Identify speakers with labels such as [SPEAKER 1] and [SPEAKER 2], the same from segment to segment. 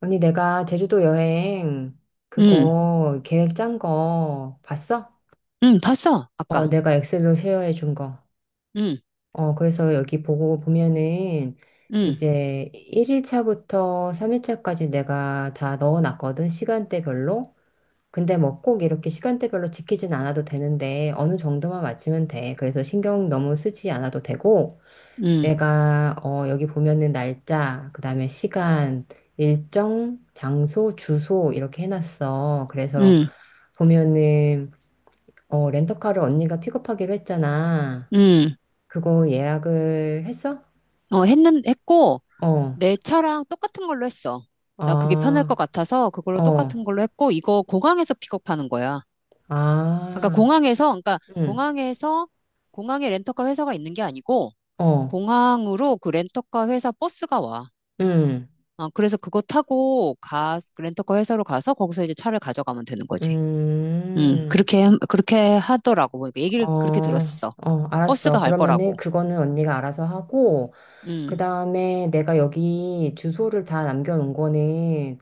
[SPEAKER 1] 언니, 내가 제주도 여행
[SPEAKER 2] 응,
[SPEAKER 1] 그거 계획 짠 거 봤어?
[SPEAKER 2] 응, 봤어, 아까.
[SPEAKER 1] 내가 엑셀로 쉐어해 준 거.
[SPEAKER 2] 응,
[SPEAKER 1] 그래서 여기 보고 보면은
[SPEAKER 2] 응,
[SPEAKER 1] 이제 1일차부터 3일차까지 내가 다 넣어 놨거든, 시간대별로. 근데 뭐 꼭 이렇게 시간대별로 지키진 않아도 되는데 어느 정도만 맞추면 돼. 그래서 신경 너무 쓰지 않아도 되고
[SPEAKER 2] 응,
[SPEAKER 1] 내가 여기 보면은 날짜, 그다음에 시간, 일정, 장소, 주소 이렇게 해놨어. 그래서
[SPEAKER 2] 응,
[SPEAKER 1] 보면은 렌터카를 언니가 픽업하기로 했잖아.
[SPEAKER 2] 응.
[SPEAKER 1] 그거 예약을 했어?
[SPEAKER 2] 어, 했고,
[SPEAKER 1] 어,
[SPEAKER 2] 내 차랑 똑같은 걸로 했어. 나 그게 편할 것
[SPEAKER 1] 아,
[SPEAKER 2] 같아서 그걸로
[SPEAKER 1] 어,
[SPEAKER 2] 똑같은 걸로 했고, 이거 공항에서 픽업하는 거야.
[SPEAKER 1] 아,
[SPEAKER 2] 그러니까
[SPEAKER 1] 응,
[SPEAKER 2] 공항에서, 공항에 렌터카 회사가 있는 게 아니고,
[SPEAKER 1] 어,
[SPEAKER 2] 공항으로 그 렌터카 회사 버스가 와.
[SPEAKER 1] 응,
[SPEAKER 2] 어, 그래서 그거 타고 가, 그 렌터카 회사로 가서 거기서 이제 차를 가져가면 되는 거지. 응,
[SPEAKER 1] 음,
[SPEAKER 2] 그렇게, 그렇게 하더라고. 뭐 이거 얘기를 그렇게
[SPEAKER 1] 어,
[SPEAKER 2] 들었어.
[SPEAKER 1] 어,
[SPEAKER 2] 버스가
[SPEAKER 1] 알았어.
[SPEAKER 2] 갈
[SPEAKER 1] 그러면은
[SPEAKER 2] 거라고.
[SPEAKER 1] 그거는 언니가 알아서 하고. 그
[SPEAKER 2] 음,
[SPEAKER 1] 다음에 내가 여기 주소를 다 남겨놓은 거는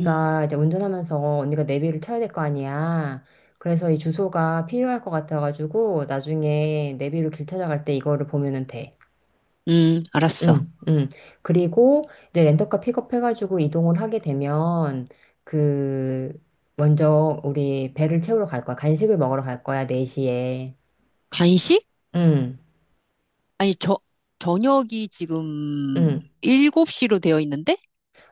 [SPEAKER 2] 음,
[SPEAKER 1] 이제 운전하면서 언니가 내비를 쳐야 될 거 아니야. 그래서 이 주소가 필요할 것 같아가지고 나중에 내비로 길 찾아갈 때 이거를 보면은 돼.
[SPEAKER 2] 알았어.
[SPEAKER 1] 응, 응. 그리고 이제 렌터카 픽업해가지고 이동을 하게 되면 그 먼저 우리 배를 채우러 갈 거야. 간식을 먹으러 갈 거야, 4시에.
[SPEAKER 2] 간식?
[SPEAKER 1] 응,
[SPEAKER 2] 아니, 저, 저녁이 지금
[SPEAKER 1] 응.
[SPEAKER 2] 7시로 되어 있는데?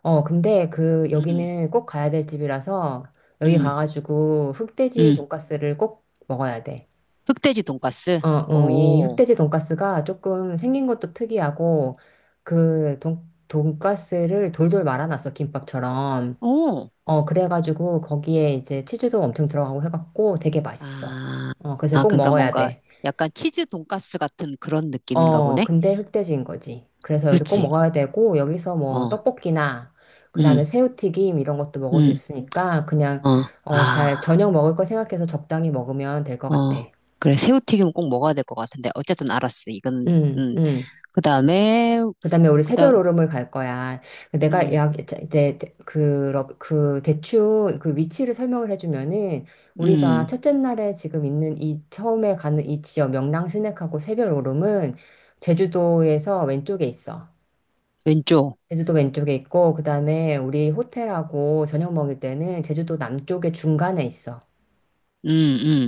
[SPEAKER 1] 근데 그
[SPEAKER 2] 음,
[SPEAKER 1] 여기는 꼭 가야 될 집이라서 여기
[SPEAKER 2] 음,
[SPEAKER 1] 가가지고 흑돼지
[SPEAKER 2] 음.
[SPEAKER 1] 돈가스를 꼭 먹어야 돼.
[SPEAKER 2] 흑돼지 돈가스?
[SPEAKER 1] 어, 응. 이
[SPEAKER 2] 오,
[SPEAKER 1] 흑돼지 돈가스가 조금 생긴 것도 특이하고 그 돈가스를 돌돌 말아놨어, 김밥처럼.
[SPEAKER 2] 오.
[SPEAKER 1] 그래가지고 거기에 이제 치즈도 엄청 들어가고 해갖고 되게 맛있어.
[SPEAKER 2] 아,
[SPEAKER 1] 그래서 꼭
[SPEAKER 2] 그러니까
[SPEAKER 1] 먹어야
[SPEAKER 2] 뭔가
[SPEAKER 1] 돼.
[SPEAKER 2] 약간 치즈 돈가스 같은 그런 느낌인가 보네?
[SPEAKER 1] 근데 흑돼지인 거지. 그래서 여기서 꼭
[SPEAKER 2] 그렇지.
[SPEAKER 1] 먹어야 되고, 여기서 뭐
[SPEAKER 2] 어,
[SPEAKER 1] 떡볶이나, 그 다음에
[SPEAKER 2] 음,
[SPEAKER 1] 새우튀김 이런 것도 먹을 수
[SPEAKER 2] 음,
[SPEAKER 1] 있으니까, 그냥,
[SPEAKER 2] 어, 아,
[SPEAKER 1] 저녁 먹을 거 생각해서 적당히 먹으면 될 것 같아.
[SPEAKER 2] 어. 그래, 새우튀김은 꼭 먹어야 될 것 같은데. 어쨌든 알았어. 이건,
[SPEAKER 1] 음, 음.
[SPEAKER 2] 그 다음에,
[SPEAKER 1] 그 다음에 우리
[SPEAKER 2] 그
[SPEAKER 1] 새별
[SPEAKER 2] 다음,
[SPEAKER 1] 오름을 갈 거야. 내가
[SPEAKER 2] 음,
[SPEAKER 1] 이제, 대충 그 위치를 설명을 해주면은, 우리가
[SPEAKER 2] 음.
[SPEAKER 1] 첫째 날에 지금 있는 이, 처음에 가는 이 지역, 명랑 스낵하고 새별 오름은, 제주도에서 왼쪽에 있어.
[SPEAKER 2] 왼쪽.
[SPEAKER 1] 제주도 왼쪽에 있고, 그 다음에 우리 호텔하고 저녁 먹을 때는 제주도 남쪽에 중간에 있어.
[SPEAKER 2] 음,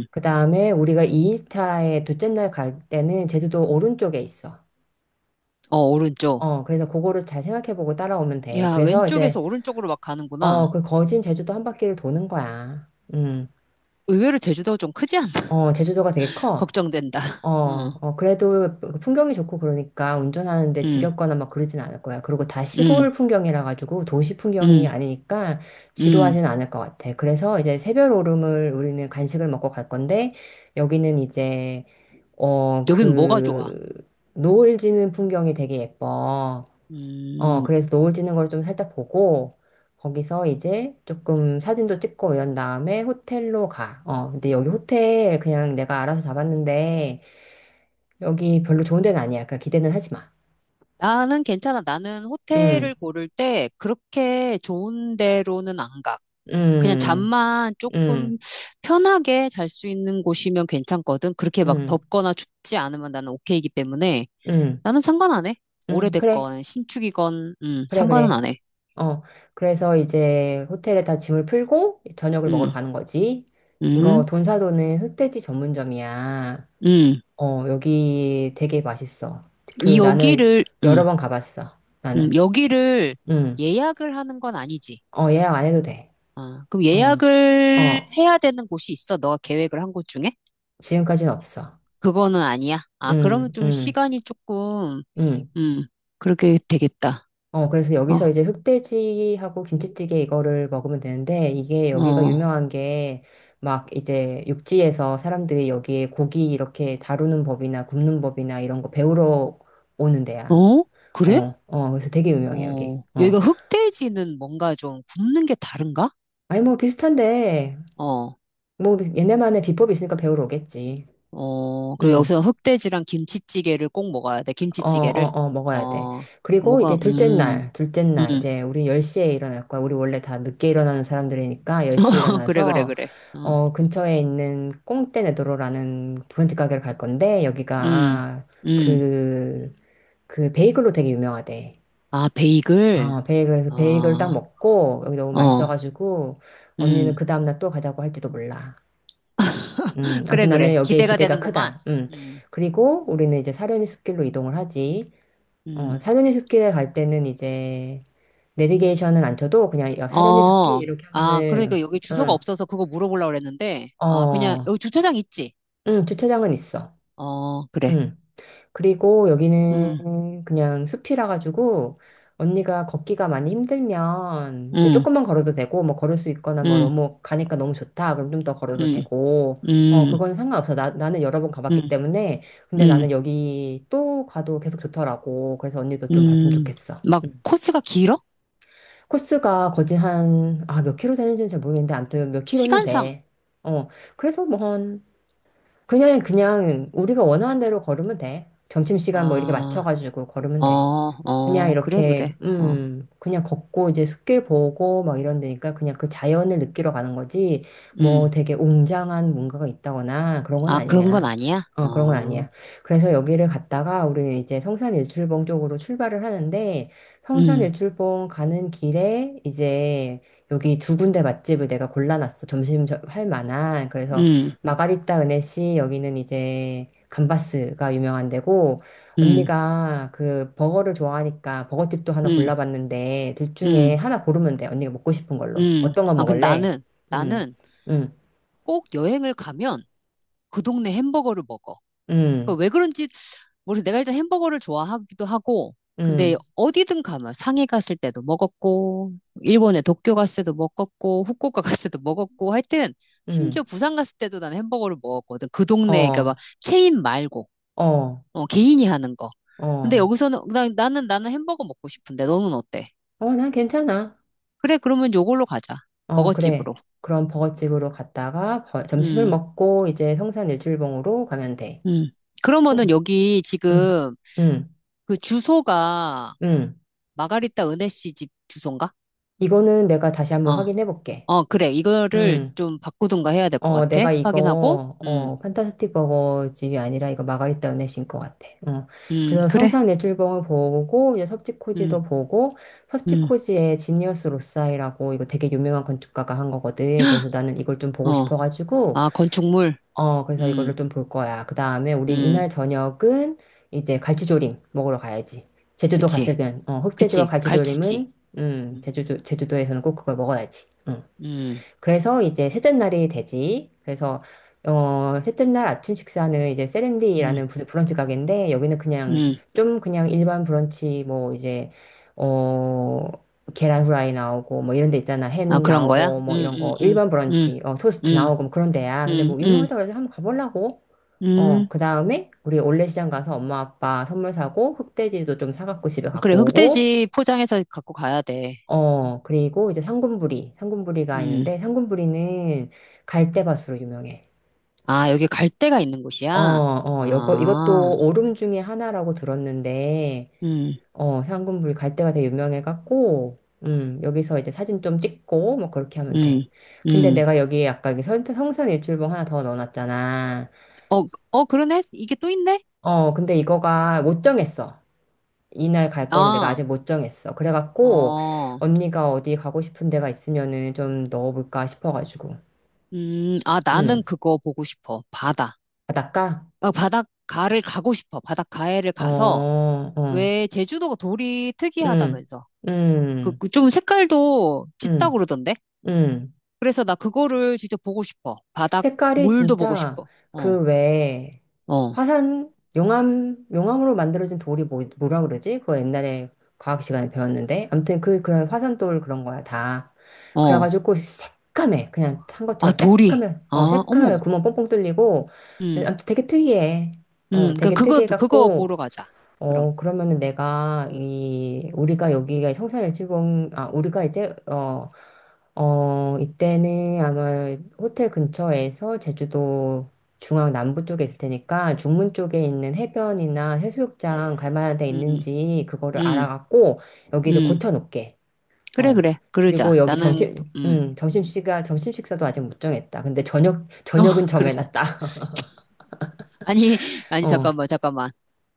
[SPEAKER 2] 음.
[SPEAKER 1] 그 다음에 우리가 2일차에 둘째 날 갈 때는 제주도 오른쪽에 있어.
[SPEAKER 2] 어, 오른쪽.
[SPEAKER 1] 그래서 그거를 잘 생각해보고 따라오면 돼.
[SPEAKER 2] 야,
[SPEAKER 1] 그래서
[SPEAKER 2] 왼쪽에서
[SPEAKER 1] 이제,
[SPEAKER 2] 오른쪽으로 막 가는구나.
[SPEAKER 1] 그 거진 제주도 한 바퀴를 도는 거야. 음,
[SPEAKER 2] 의외로 제주도가 좀 크지 않나?
[SPEAKER 1] 제주도가 되게 커.
[SPEAKER 2] 걱정된다. 어,
[SPEAKER 1] 그래도 그 풍경이 좋고 그러니까 운전하는데
[SPEAKER 2] 음,
[SPEAKER 1] 지겹거나 막 그러진 않을 거야. 그리고 다
[SPEAKER 2] 음,
[SPEAKER 1] 시골 풍경이라 가지고 도시 풍경이
[SPEAKER 2] 음,
[SPEAKER 1] 아니니까
[SPEAKER 2] 음.
[SPEAKER 1] 지루하진 않을 것 같아. 그래서 이제 새별 오름을 우리는 간식을 먹고 갈 건데 여기는 이제 어,
[SPEAKER 2] 여긴 뭐가 좋아?
[SPEAKER 1] 그 노을 지는 풍경이 되게 예뻐.
[SPEAKER 2] 음.
[SPEAKER 1] 그래서 노을 지는 걸 좀 살짝 보고 거기서 이제 조금 사진도 찍고 이런 다음에 호텔로 가. 근데 여기 호텔 그냥 내가 알아서 잡았는데 여기 별로 좋은 데는 아니야. 그러니까 기대는 하지 마.
[SPEAKER 2] 나는 괜찮아. 나는
[SPEAKER 1] 응,
[SPEAKER 2] 호텔을 고를 때 그렇게 좋은 데로는 안 가. 그냥
[SPEAKER 1] 응,
[SPEAKER 2] 잠만 조금
[SPEAKER 1] 응,
[SPEAKER 2] 편하게 잘 수 있는 곳이면 괜찮거든. 그렇게 막
[SPEAKER 1] 응,
[SPEAKER 2] 덥거나 춥지 않으면 나는 오케이이기 때문에
[SPEAKER 1] 응,
[SPEAKER 2] 나는 상관 안 해.
[SPEAKER 1] 응. 그래,
[SPEAKER 2] 오래됐건 신축이건
[SPEAKER 1] 그래,
[SPEAKER 2] 상관은
[SPEAKER 1] 그래.
[SPEAKER 2] 안 해.
[SPEAKER 1] 어, 그래서 이제 호텔에다 짐을 풀고 저녁을 먹으러
[SPEAKER 2] 음.
[SPEAKER 1] 가는 거지. 이거
[SPEAKER 2] 음,
[SPEAKER 1] 돈사도는 흑돼지 전문점이야.
[SPEAKER 2] 음.
[SPEAKER 1] 여기 되게 맛있어.
[SPEAKER 2] 이
[SPEAKER 1] 그 나는
[SPEAKER 2] 여기를, 음,
[SPEAKER 1] 여러 번 가봤어. 나는.
[SPEAKER 2] 여기를
[SPEAKER 1] 응.
[SPEAKER 2] 예약을 하는 건 아니지.
[SPEAKER 1] 어, 예약 안 해도 돼.
[SPEAKER 2] 아, 그럼
[SPEAKER 1] 어,
[SPEAKER 2] 예약을
[SPEAKER 1] 어.
[SPEAKER 2] 해야 되는 곳이 있어? 너가 계획을 한 곳 중에?
[SPEAKER 1] 지금까지는 없어.
[SPEAKER 2] 그거는 아니야. 아, 그러면
[SPEAKER 1] 응,
[SPEAKER 2] 좀
[SPEAKER 1] 응,
[SPEAKER 2] 시간이 조금,
[SPEAKER 1] 응.
[SPEAKER 2] 음, 그렇게 되겠다.
[SPEAKER 1] 그래서 여기서
[SPEAKER 2] 어,
[SPEAKER 1] 이제 흑돼지하고 김치찌개 이거를 먹으면 되는데, 이게 여기가
[SPEAKER 2] 어,
[SPEAKER 1] 유명한 게, 막 이제 육지에서 사람들이 여기에 고기 이렇게 다루는 법이나 굽는 법이나 이런 거 배우러 오는 데야.
[SPEAKER 2] 어? 그래?
[SPEAKER 1] 어, 어, 그래서 되게 유명해, 여기.
[SPEAKER 2] 어,
[SPEAKER 1] 어.
[SPEAKER 2] 여기가 흑돼지는 뭔가 좀 굽는 게 다른가?
[SPEAKER 1] 아니, 뭐 비슷한데,
[SPEAKER 2] 어,
[SPEAKER 1] 뭐 얘네만의 비법이 있으니까 배우러 오겠지.
[SPEAKER 2] 어, 그리고
[SPEAKER 1] 응.
[SPEAKER 2] 여기서 흑돼지랑 김치찌개를 꼭 먹어야 돼.
[SPEAKER 1] 어, 어,
[SPEAKER 2] 김치찌개를.
[SPEAKER 1] 어, 먹어야 돼.
[SPEAKER 2] 어,
[SPEAKER 1] 그리고
[SPEAKER 2] 뭐가,
[SPEAKER 1] 이제 둘째 날, 둘째 날,
[SPEAKER 2] 음.
[SPEAKER 1] 이제 우리 10시에 일어날 거야. 우리 원래 다 늦게 일어나는 사람들이니까 10시에
[SPEAKER 2] 어, 그래, 그래,
[SPEAKER 1] 일어나서,
[SPEAKER 2] 그래. 어,
[SPEAKER 1] 근처에 있는 꽁떼네도로라는 부잣집 가게를 갈 건데,
[SPEAKER 2] 음,
[SPEAKER 1] 여기가
[SPEAKER 2] 음.
[SPEAKER 1] 그, 그 베이글로 되게 유명하대.
[SPEAKER 2] 아, 베이글?
[SPEAKER 1] 어, 베이글에서
[SPEAKER 2] 어,
[SPEAKER 1] 베이글 딱
[SPEAKER 2] 어,
[SPEAKER 1] 먹고, 여기 너무 맛있어가지고, 언니는
[SPEAKER 2] 음.
[SPEAKER 1] 그 다음날 또 가자고 할지도 몰라.
[SPEAKER 2] 그래,
[SPEAKER 1] 아무튼 나는
[SPEAKER 2] 그래.
[SPEAKER 1] 여기에
[SPEAKER 2] 기대가
[SPEAKER 1] 기대가
[SPEAKER 2] 되는구만.
[SPEAKER 1] 크다. 음.
[SPEAKER 2] 음,
[SPEAKER 1] 그리고 우리는 이제 사려니 숲길로 이동을 하지.
[SPEAKER 2] 음.
[SPEAKER 1] 사려니 숲길에 갈 때는 이제 내비게이션은 안 쳐도 그냥 야, 사려니 숲길
[SPEAKER 2] 어,
[SPEAKER 1] 이렇게
[SPEAKER 2] 아,
[SPEAKER 1] 하면은
[SPEAKER 2] 그러니까 여기 주소가
[SPEAKER 1] 응,
[SPEAKER 2] 없어서 그거 물어보려고 그랬는데, 아, 그냥,
[SPEAKER 1] 어,
[SPEAKER 2] 여기 주차장 있지?
[SPEAKER 1] 응, 주차장은 있어.
[SPEAKER 2] 어, 그래.
[SPEAKER 1] 응. 그리고
[SPEAKER 2] 음,
[SPEAKER 1] 여기는 그냥 숲이라 가지고 언니가 걷기가 많이 힘들면 이제
[SPEAKER 2] 음,
[SPEAKER 1] 조금만 걸어도 되고 뭐 걸을 수 있거나 뭐
[SPEAKER 2] 음,
[SPEAKER 1] 너무 가니까 너무 좋다. 그럼 좀 더 걸어도
[SPEAKER 2] 음,
[SPEAKER 1] 되고.
[SPEAKER 2] 음,
[SPEAKER 1] 그건 상관없어. 나는 여러 번 가봤기
[SPEAKER 2] 음,
[SPEAKER 1] 때문에. 근데
[SPEAKER 2] 음,
[SPEAKER 1] 나는 여기 또 가도 계속 좋더라고. 그래서 언니도 좀 봤으면
[SPEAKER 2] 음.
[SPEAKER 1] 좋겠어.
[SPEAKER 2] 막
[SPEAKER 1] 응.
[SPEAKER 2] 코스가 길어?
[SPEAKER 1] 코스가 거진 한, 아, 몇 킬로 되는지는 잘 모르겠는데, 아무튼 몇 킬로는
[SPEAKER 2] 시간상.
[SPEAKER 1] 돼. 어, 그래서 뭐 한, 그냥 우리가 원하는 대로 걸으면 돼. 점심시간 뭐 이렇게
[SPEAKER 2] 아,
[SPEAKER 1] 맞춰가지고 걸으면
[SPEAKER 2] 어,
[SPEAKER 1] 돼. 그냥
[SPEAKER 2] 어, 그래, 그래.
[SPEAKER 1] 이렇게,
[SPEAKER 2] 어,
[SPEAKER 1] 그냥 걷고 이제 숲길 보고 막 이런 데니까 그냥 그 자연을 느끼러 가는 거지, 뭐
[SPEAKER 2] 음.
[SPEAKER 1] 되게 웅장한 뭔가가 있다거나 그런 건
[SPEAKER 2] 아, 그런 건
[SPEAKER 1] 아니야.
[SPEAKER 2] 아니야?
[SPEAKER 1] 어, 그런 건
[SPEAKER 2] 어.
[SPEAKER 1] 아니야. 그래서 여기를 갔다가 우리는 이제 성산 일출봉 쪽으로 출발을 하는데, 성산
[SPEAKER 2] 음,
[SPEAKER 1] 일출봉 가는 길에 이제 여기 두 군데 맛집을 내가 골라놨어. 할 만한. 그래서
[SPEAKER 2] 음,
[SPEAKER 1] 마가리타 은혜씨 여기는 이제 감바스가 유명한 데고,
[SPEAKER 2] 음,
[SPEAKER 1] 언니가 그 버거를 좋아하니까 버거집도 하나
[SPEAKER 2] 음,
[SPEAKER 1] 골라봤는데 둘 중에
[SPEAKER 2] 음,
[SPEAKER 1] 하나 고르면 돼. 언니가 먹고 싶은 걸로. 어떤 거
[SPEAKER 2] 아, 근데
[SPEAKER 1] 먹을래?
[SPEAKER 2] 나는,
[SPEAKER 1] 응,
[SPEAKER 2] 나는
[SPEAKER 1] 응,
[SPEAKER 2] 꼭 여행을 가면 그 동네 햄버거를 먹어.
[SPEAKER 1] 응,
[SPEAKER 2] 그왜 그런지, 모르겠어. 내가 일단 햄버거를 좋아하기도 하고, 근데
[SPEAKER 1] 응,
[SPEAKER 2] 어디든 가면 상해 갔을 때도 먹었고, 일본에 도쿄 갔을 때도 먹었고, 후쿠오카 갔을 때도 먹었고, 하여튼,
[SPEAKER 1] 응.
[SPEAKER 2] 심지어 부산 갔을 때도 나는 햄버거를 먹었거든. 그 동네, 그러니까
[SPEAKER 1] 어,
[SPEAKER 2] 막 체인 말고,
[SPEAKER 1] 어,
[SPEAKER 2] 어, 개인이 하는 거. 근데
[SPEAKER 1] 어.
[SPEAKER 2] 여기서는, 나는 햄버거 먹고 싶은데, 너는 어때?
[SPEAKER 1] 어, 난 괜찮아.
[SPEAKER 2] 그래, 그러면 요걸로 가자.
[SPEAKER 1] 어, 그래.
[SPEAKER 2] 먹어집으로.
[SPEAKER 1] 그럼 버거집으로 갔다가 점심을
[SPEAKER 2] 음,
[SPEAKER 1] 먹고 이제 성산 일출봉으로 가면 돼.
[SPEAKER 2] 음. 그러면은
[SPEAKER 1] 응,
[SPEAKER 2] 여기
[SPEAKER 1] 응,
[SPEAKER 2] 지금
[SPEAKER 1] 응,
[SPEAKER 2] 그 주소가
[SPEAKER 1] 응.
[SPEAKER 2] 마가리타 은혜 씨 집 주소인가?
[SPEAKER 1] 이거는 내가 다시
[SPEAKER 2] 어,
[SPEAKER 1] 한번 확인해 볼게.
[SPEAKER 2] 어, 그래. 이거를
[SPEAKER 1] 응.
[SPEAKER 2] 좀 바꾸든가 해야 될 것
[SPEAKER 1] 어,
[SPEAKER 2] 같아.
[SPEAKER 1] 내가
[SPEAKER 2] 확인하고.
[SPEAKER 1] 이거, 판타스틱 버거 집이 아니라 이거 마가리타 은혜신 것 같아. 어. 그래서
[SPEAKER 2] 그래.
[SPEAKER 1] 성상 내출봉을 보고, 이제
[SPEAKER 2] 음,
[SPEAKER 1] 섭지코지도 보고,
[SPEAKER 2] 음,
[SPEAKER 1] 섭지코지의 지니어스 로사이라고 이거 되게 유명한 건축가가 한 거거든. 그래서 나는 이걸 좀 보고
[SPEAKER 2] 어.
[SPEAKER 1] 싶어가지고,
[SPEAKER 2] 아, 건축물.
[SPEAKER 1] 그래서 이거를
[SPEAKER 2] 음,
[SPEAKER 1] 좀 볼 거야. 그 다음에 우리
[SPEAKER 2] 음.
[SPEAKER 1] 이날 저녁은 이제 갈치조림 먹으러 가야지. 제주도
[SPEAKER 2] 그치.
[SPEAKER 1] 갔으면, 어, 흑돼지와
[SPEAKER 2] 그치. 갈치지.
[SPEAKER 1] 갈치조림은,
[SPEAKER 2] 음,
[SPEAKER 1] 제주도에서는 꼭 그걸 먹어야지. 어.
[SPEAKER 2] 음,
[SPEAKER 1] 그래서 이제 셋째 날이 되지. 그래서 셋째 날 아침 식사는 이제
[SPEAKER 2] 음.
[SPEAKER 1] 세렌디라는 브런치 가게인데 여기는 그냥
[SPEAKER 2] 음.
[SPEAKER 1] 좀 그냥 일반 브런치 뭐 이제 어 계란 후라이 나오고 뭐 이런 데 있잖아.
[SPEAKER 2] 아,
[SPEAKER 1] 햄
[SPEAKER 2] 그런 거야?
[SPEAKER 1] 나오고 뭐 이런 거 일반 브런치 토스트
[SPEAKER 2] 음,
[SPEAKER 1] 나오고 뭐 그런 데야. 근데
[SPEAKER 2] 음,
[SPEAKER 1] 뭐
[SPEAKER 2] 음, 음.
[SPEAKER 1] 유명하다고 해서 한번 가보려고.
[SPEAKER 2] 음.
[SPEAKER 1] 그다음에 우리 올레시장 가서 엄마 아빠 선물 사고 흑돼지도 좀 사갖고 집에
[SPEAKER 2] 아, 그래,
[SPEAKER 1] 갖고 오고
[SPEAKER 2] 흑돼지 포장해서 갖고 가야 돼.
[SPEAKER 1] 그리고 이제 상군부리가
[SPEAKER 2] 음.
[SPEAKER 1] 있는데 상군부리는 갈대밭으로 유명해.
[SPEAKER 2] 아, 여기 갈 데가 있는
[SPEAKER 1] 어,
[SPEAKER 2] 곳이야?
[SPEAKER 1] 어, 이것도
[SPEAKER 2] 아,
[SPEAKER 1] 오름 중에 하나라고 들었는데,
[SPEAKER 2] 음,
[SPEAKER 1] 상군부리 갈대가 되게 유명해갖고, 여기서 이제 사진 좀 찍고, 뭐 그렇게 하면 돼.
[SPEAKER 2] 음,
[SPEAKER 1] 근데
[SPEAKER 2] 음.
[SPEAKER 1] 내가 여기 아까 여기 성산일출봉 하나 더 넣어놨잖아.
[SPEAKER 2] 어, 어, 그러네? 이게 또 있네?
[SPEAKER 1] 근데 이거가 못 정했어. 이날 갈 거를 내가
[SPEAKER 2] 아,
[SPEAKER 1] 아직 못 정했어. 그래갖고,
[SPEAKER 2] 어,
[SPEAKER 1] 언니가 어디 가고 싶은 데가 있으면은 좀 넣어볼까 싶어가지고.
[SPEAKER 2] 아, 나는
[SPEAKER 1] 음.
[SPEAKER 2] 그거 보고 싶어. 바다.
[SPEAKER 1] 바닷가?
[SPEAKER 2] 어, 바닷가를 가고 싶어. 바닷가에를
[SPEAKER 1] 어,
[SPEAKER 2] 가서,
[SPEAKER 1] 어,
[SPEAKER 2] 왜 제주도가 돌이
[SPEAKER 1] 음,
[SPEAKER 2] 특이하다면서. 그,
[SPEAKER 1] 음,
[SPEAKER 2] 그 좀 색깔도 짙다
[SPEAKER 1] 음,
[SPEAKER 2] 그러던데?
[SPEAKER 1] 음.
[SPEAKER 2] 그래서 나 그거를 진짜 보고 싶어.
[SPEAKER 1] 색깔이
[SPEAKER 2] 물도 보고
[SPEAKER 1] 진짜
[SPEAKER 2] 싶어. 어,
[SPEAKER 1] 그 외에
[SPEAKER 2] 어,
[SPEAKER 1] 화산, 용암, 용암으로 만들어진 돌이 뭐라 그러지? 그거 옛날에 과학 시간에 배웠는데. 아무튼 그런 화산돌 그런 거야, 다.
[SPEAKER 2] 어.
[SPEAKER 1] 그래가지고 새까매. 그냥 탄
[SPEAKER 2] 아,
[SPEAKER 1] 것처럼
[SPEAKER 2] 도리.
[SPEAKER 1] 새까매. 어,
[SPEAKER 2] 아,
[SPEAKER 1] 새까매.
[SPEAKER 2] 어머.
[SPEAKER 1] 구멍 뻥뻥 뚫리고. 근데
[SPEAKER 2] 음,
[SPEAKER 1] 아무튼 되게 특이해. 어,
[SPEAKER 2] 그,
[SPEAKER 1] 되게
[SPEAKER 2] 그거, 그거
[SPEAKER 1] 특이해갖고.
[SPEAKER 2] 보러 가자. 그럼.
[SPEAKER 1] 어, 그러면은 내가 이 우리가 여기가 성산일출봉 아 우리가 이제 이때는 아마 호텔 근처에서 제주도 중앙 남부 쪽에 있을 테니까 중문 쪽에 있는 해변이나 해수욕장 갈 만한 데
[SPEAKER 2] 음,
[SPEAKER 1] 있는지 그거를
[SPEAKER 2] 음,
[SPEAKER 1] 알아갖고 여기를
[SPEAKER 2] 음.
[SPEAKER 1] 고쳐 놓게.
[SPEAKER 2] 그래,
[SPEAKER 1] 어.
[SPEAKER 2] 그래.
[SPEAKER 1] 그리고
[SPEAKER 2] 그러자.
[SPEAKER 1] 여기
[SPEAKER 2] 나는, 음.
[SPEAKER 1] 점심 시간 점심 식사도 아직 못 정했다. 근데
[SPEAKER 2] 어,
[SPEAKER 1] 저녁은
[SPEAKER 2] 그러네.
[SPEAKER 1] 정해놨다.
[SPEAKER 2] 아니, 아니,
[SPEAKER 1] 어.
[SPEAKER 2] 잠깐만, 잠깐만.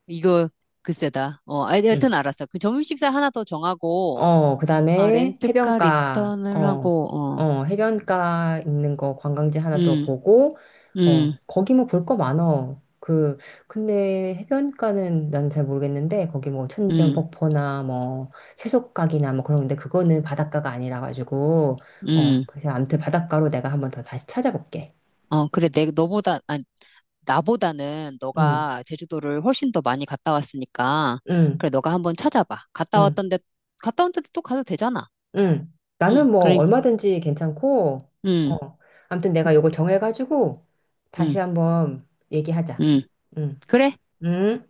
[SPEAKER 2] 이거, 글쎄다. 어, 아,
[SPEAKER 1] 음.
[SPEAKER 2] 여튼 알았어. 그 점심 식사 하나 더 정하고, 아,
[SPEAKER 1] 그다음에
[SPEAKER 2] 렌트카
[SPEAKER 1] 해변가,
[SPEAKER 2] 리턴을
[SPEAKER 1] 어,
[SPEAKER 2] 하고, 어,
[SPEAKER 1] 어, 해변가 있는 거 관광지 하나 더
[SPEAKER 2] 음,
[SPEAKER 1] 보고, 어,
[SPEAKER 2] 음,
[SPEAKER 1] 거기 뭐 볼 거 많어. 그, 근데 해변가는 난 잘 모르겠는데, 거기 뭐 천지연
[SPEAKER 2] 음,
[SPEAKER 1] 폭포나 뭐 채석각이나 뭐 그런 건데, 그거는 바닷가가 아니라 가지고,
[SPEAKER 2] 음.
[SPEAKER 1] 그래서 아무튼 바닷가로 내가 한번 더 다시 찾아볼게.
[SPEAKER 2] 어, 그래. 너보다, 아, 나보다는
[SPEAKER 1] 응,
[SPEAKER 2] 너가 제주도를 훨씬 더 많이 갔다 왔으니까
[SPEAKER 1] 응,
[SPEAKER 2] 그래 너가 한번 찾아봐. 갔다
[SPEAKER 1] 응.
[SPEAKER 2] 왔던데 갔다 온 데도 또 가도 되잖아.
[SPEAKER 1] 응.
[SPEAKER 2] 응,
[SPEAKER 1] 나는 뭐
[SPEAKER 2] 그래,
[SPEAKER 1] 얼마든지 괜찮고,
[SPEAKER 2] 응,
[SPEAKER 1] 어. 아무튼 내가 요거 정해가지고 다시
[SPEAKER 2] 응,
[SPEAKER 1] 한번 얘기하자.
[SPEAKER 2] 응.
[SPEAKER 1] 응.
[SPEAKER 2] 그래,
[SPEAKER 1] 응.